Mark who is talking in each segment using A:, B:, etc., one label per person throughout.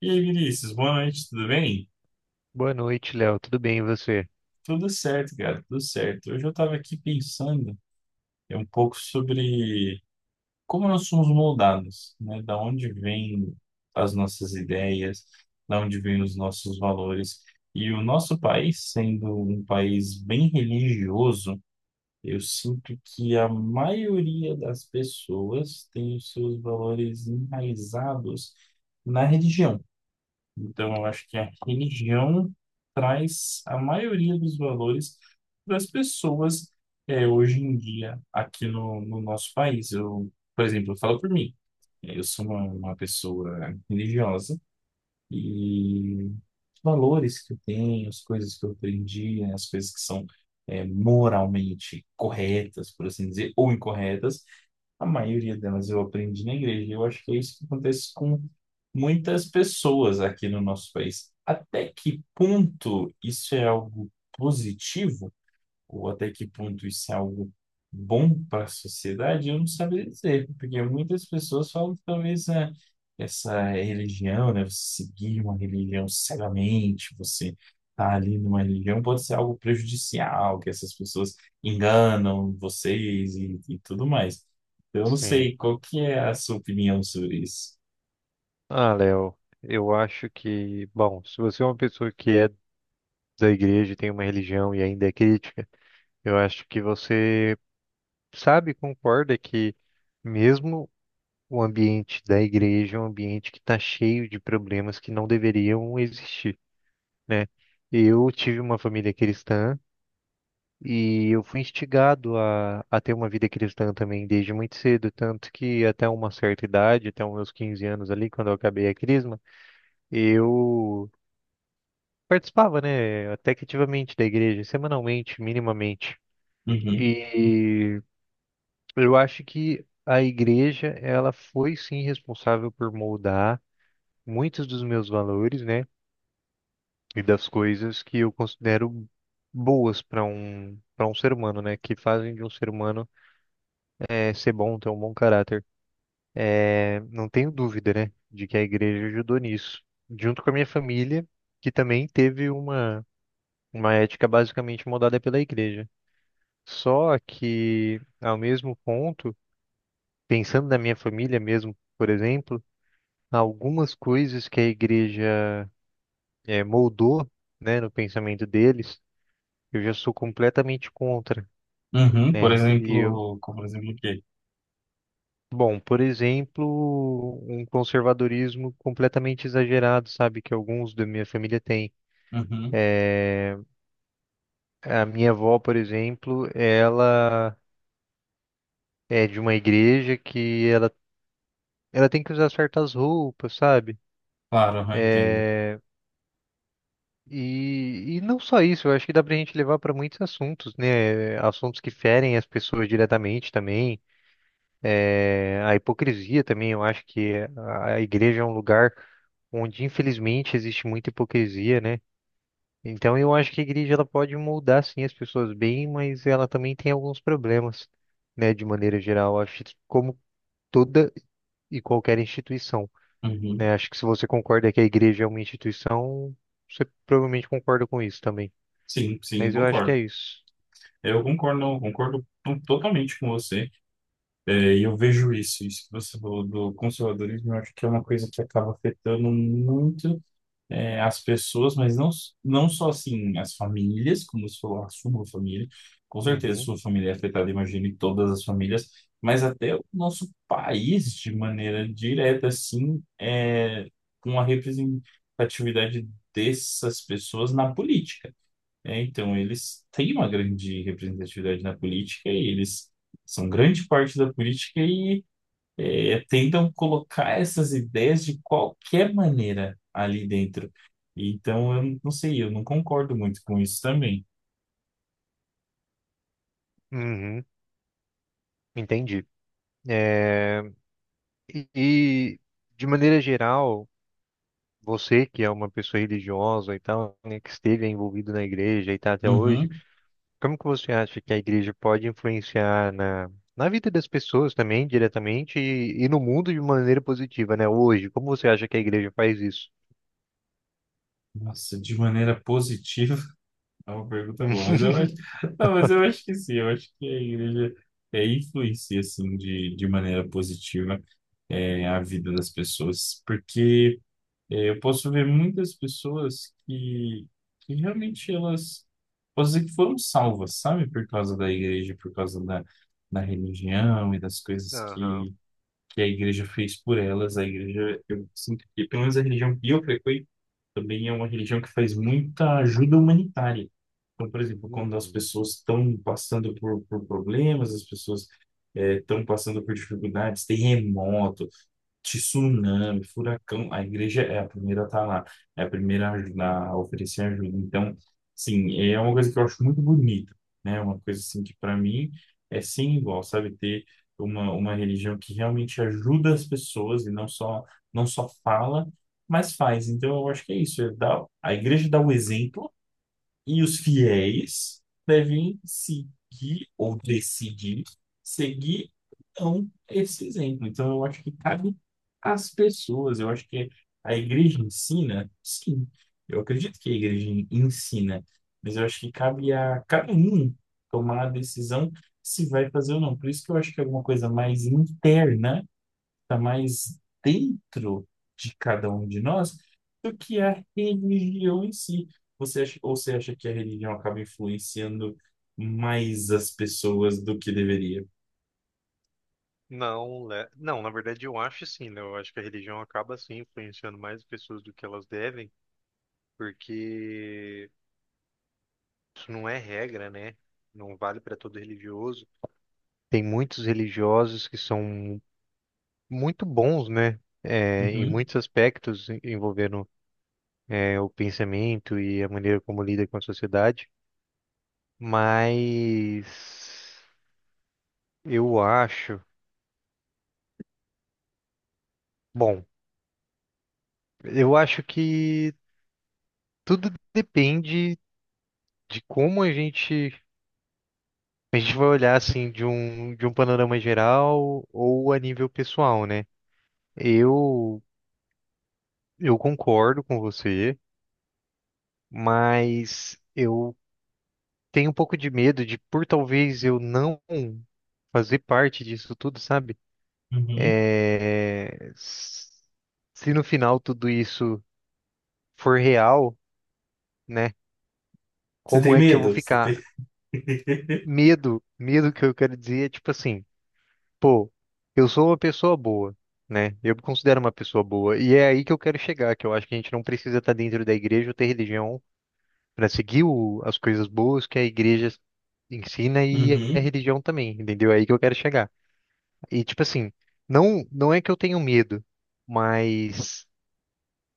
A: E aí, Vinícius, boa noite, tudo bem?
B: Boa noite, Léo. Tudo bem, e você?
A: Tudo certo, cara, tudo certo. Hoje eu estava aqui pensando um pouco sobre como nós somos moldados, né? Da onde vêm as nossas ideias, da onde vêm os nossos valores. E o nosso país, sendo um país bem religioso, eu sinto que a maioria das pessoas tem os seus valores enraizados na religião. Então, eu acho que a religião traz a maioria dos valores das pessoas hoje em dia aqui no nosso país. Eu, por exemplo, eu falo por mim, né? Eu sou uma pessoa religiosa, e os valores que eu tenho, as coisas que eu aprendi, né, as coisas que são moralmente corretas, por assim dizer, ou incorretas, a maioria delas eu aprendi na igreja. Eu acho que é isso que acontece com muitas pessoas aqui no nosso país. Até que ponto isso é algo positivo? Ou até que ponto isso é algo bom para a sociedade, eu não saberia dizer, porque muitas pessoas falam que, talvez, né, essa religião, né, você seguir uma religião cegamente, você estar ali numa religião pode ser algo prejudicial, que essas pessoas enganam vocês e tudo mais. Então, eu não
B: Sim.
A: sei qual que é a sua opinião sobre isso.
B: Ah, Léo, eu acho que, bom, se você é uma pessoa que é da igreja, e tem uma religião e ainda é crítica, eu acho que você sabe, concorda que mesmo o ambiente da igreja é um ambiente que está cheio de problemas que não deveriam existir, né? Eu tive uma família cristã. E eu fui instigado a ter uma vida cristã também desde muito cedo, tanto que até uma certa idade, até os meus 15 anos ali, quando eu acabei a crisma, eu participava, né, até que ativamente da igreja, semanalmente, minimamente.
A: Uhum,
B: E eu acho que a igreja, ela foi sim responsável por moldar muitos dos meus valores, né, e das coisas que eu considero boas para um ser humano, né, que fazem de um ser humano ser bom, ter um bom caráter. Não tenho dúvida, né, de que a igreja ajudou nisso, junto com a minha família, que também teve uma ética basicamente moldada pela igreja. Só que, ao mesmo ponto, pensando na minha família mesmo, por exemplo, algumas coisas que a igreja moldou, né, no pensamento deles, eu já sou completamente contra,
A: uhum, por
B: né? E eu,
A: exemplo, como por exemplo o quê?
B: bom, por exemplo, um conservadorismo completamente exagerado, sabe, que alguns da minha família têm.
A: Uhum,
B: é A minha avó, por exemplo, ela é de uma igreja que ela tem que usar certas roupas, sabe?
A: claro, eu entendo.
B: É, e não só isso, eu acho que dá pra gente levar para muitos assuntos, né? Assuntos que ferem as pessoas diretamente também. É, a hipocrisia também, eu acho que a igreja é um lugar onde infelizmente existe muita hipocrisia, né? Então eu acho que a igreja ela pode moldar sim as pessoas bem, mas ela também tem alguns problemas, né, de maneira geral. Acho que como toda e qualquer instituição,
A: Uhum,
B: né? Acho que se você concorda que a igreja é uma instituição, você provavelmente concorda com isso também.
A: sim, sim,
B: Mas eu acho que
A: concordo.
B: é isso.
A: Eu concordo, concordo totalmente com você. É, e eu vejo isso, isso que você falou do conservadorismo, eu acho que é uma coisa que acaba afetando muito as pessoas, mas não, não só assim as famílias, como você falou, a sua família, com certeza
B: Uhum,
A: sua família é afetada, imagine todas as famílias, mas até o nosso país de maneira direta, assim, é, com a representatividade dessas pessoas na política. É, então, eles têm uma grande representatividade na política e eles são grande parte da política e tentam colocar essas ideias de qualquer maneira ali dentro. Então, eu não sei, eu não concordo muito com isso também.
B: uhum, entendi. É, e, e, de maneira geral, você que é uma pessoa religiosa e tal, né, que esteve envolvido na igreja e está até hoje,
A: Uhum.
B: como que você acha que a igreja pode influenciar na na vida das pessoas também, diretamente, e no mundo de maneira positiva, né? Hoje, como você acha que a igreja faz isso?
A: Nossa, de maneira positiva, é uma pergunta boa, mas eu acho, não, mas eu acho que sim, eu acho que a igreja influencia, assim, de maneira positiva a vida das pessoas, porque é, eu posso ver muitas pessoas que realmente elas, posso dizer que foram salvas, sabe? Por causa da igreja, por causa da, da religião e das coisas
B: Aham.
A: que a igreja fez por elas. A igreja, eu sinto que, pelo menos a religião que eu frequento, também é uma religião que faz muita ajuda humanitária. Então, por exemplo, quando as
B: Hum.
A: pessoas estão passando por problemas, as pessoas estão passando por dificuldades, terremoto, tsunami, furacão, a igreja é a primeira a estar lá, é a primeira a ajudar, a oferecer ajuda. Então, sim, é uma coisa que eu acho muito bonita, né? Uma coisa assim que para mim é sem igual, sabe? Ter uma religião que realmente ajuda as pessoas e não só, não só fala, mas faz. Então, eu acho que é isso, é dar, a igreja dá o exemplo e os fiéis devem seguir ou decidir seguir então esse exemplo. Então, eu acho que cabe às pessoas. Eu acho que a igreja ensina, sim. Eu acredito que a igreja ensina, mas eu acho que cabe a cada um tomar a decisão se vai fazer ou não. Por isso que eu acho que é alguma coisa mais interna, está mais dentro de cada um de nós do que a religião em si. Você acha, ou você acha que a religião acaba influenciando mais as pessoas do que deveria?
B: Não, não, na verdade eu acho sim, né? Eu acho que a religião acaba sim influenciando mais as pessoas do que elas devem, porque isso não é regra, né? Não vale para todo religioso. Tem muitos religiosos que são muito bons, né? É, em
A: Uhum,
B: muitos aspectos envolvendo é, o pensamento e a maneira como lida com a sociedade, mas eu acho, bom, eu acho que tudo depende. De como a gente vai olhar assim de um panorama geral ou a nível pessoal, né? Eu eu concordo com você, mas eu tenho um pouco de medo de por talvez eu não fazer parte disso tudo, sabe?
A: uhum.
B: É, se no final tudo isso for real, né?
A: Você
B: Como
A: tem
B: é que eu vou
A: medo? Você
B: ficar?
A: tem...
B: Medo, medo que eu quero dizer é tipo assim. Pô, eu sou uma pessoa boa, né? Eu me considero uma pessoa boa. E é aí que eu quero chegar, que eu acho que a gente não precisa estar dentro da igreja ou ter religião para seguir as coisas boas que a igreja ensina e a
A: Uhum.
B: religião também, entendeu? É aí que eu quero chegar. E tipo assim, não, não é que eu tenho medo, mas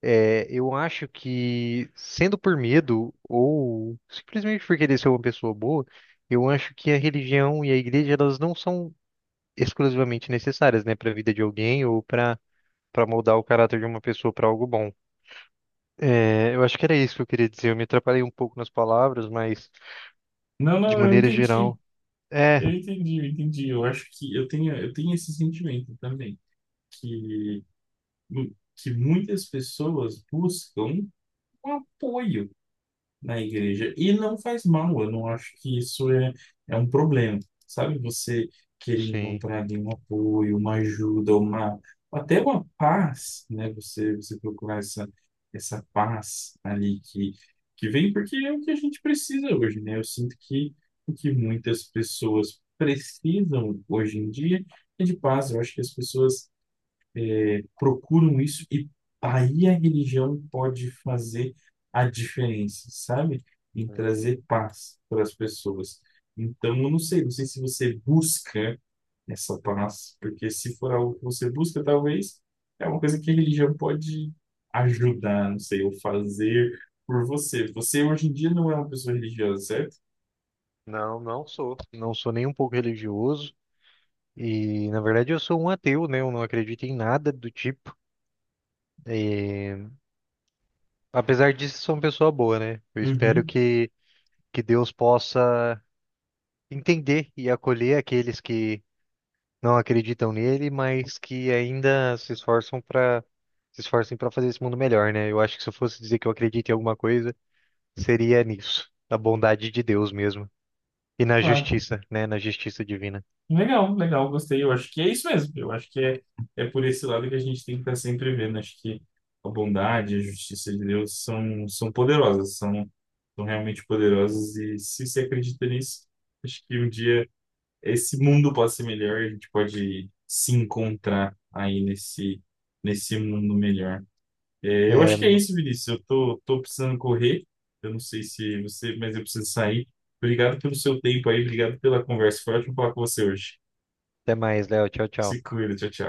B: é, eu acho que sendo por medo ou simplesmente por querer ser uma pessoa boa, eu acho que a religião e a igreja elas não são exclusivamente necessárias, né, para a vida de alguém ou para moldar o caráter de uma pessoa para algo bom. É, eu acho que era isso que eu queria dizer. Eu me atrapalhei um pouco nas palavras, mas
A: Não,
B: de
A: não, eu
B: maneira
A: entendi.
B: geral, é,
A: Eu entendi, eu entendi. Eu acho que eu tenho esse sentimento também, que, que muitas pessoas buscam um apoio na igreja. E não faz mal, eu não acho que isso é, é um problema, sabe? Você querer
B: sim.
A: encontrar ali um apoio, uma ajuda, uma, até uma paz, né? Você, você procurar essa, essa paz ali que vem, porque é o que a gente precisa hoje, né? Eu sinto que o que muitas pessoas precisam hoje em dia é de paz. Eu acho que as pessoas procuram isso e aí a religião pode fazer a diferença, sabe? Em trazer
B: Uhum.
A: paz para as pessoas. Então, eu não sei, não sei se você busca essa paz, porque se for algo que você busca, talvez é uma coisa que a religião pode ajudar, não sei, ou fazer por você. Você hoje em dia não é uma pessoa religiosa, certo?
B: Não, não sou. Não sou nem um pouco religioso. E, na verdade, eu sou um ateu, né? Eu não acredito em nada do tipo. É, apesar disso, sou uma pessoa boa, né? Eu espero
A: Uhum,
B: que Deus possa entender e acolher aqueles que não acreditam nele, mas que ainda se esforçam para se esforcem para fazer esse mundo melhor, né? Eu acho que se eu fosse dizer que eu acredito em alguma coisa, seria nisso, na bondade de Deus mesmo e na
A: claro.
B: justiça, né? Na justiça divina.
A: Legal, legal, gostei. Eu acho que é isso mesmo. Eu acho que é, é por esse lado que a gente tem que estar sempre vendo. Acho que a bondade, a justiça de Deus são, são poderosas, são, são realmente poderosas. E se você acredita nisso, acho que um dia esse mundo pode ser melhor e a gente pode se encontrar aí nesse, nesse mundo melhor. É, eu
B: É,
A: acho que é isso, Vinícius. Eu tô, tô precisando correr. Eu não sei se você, mas eu preciso sair. Obrigado pelo seu tempo aí, obrigado pela conversa. Foi ótimo falar com você hoje.
B: até mais, Léo. Tchau, tchau.
A: Se cuida, tchau, tchau.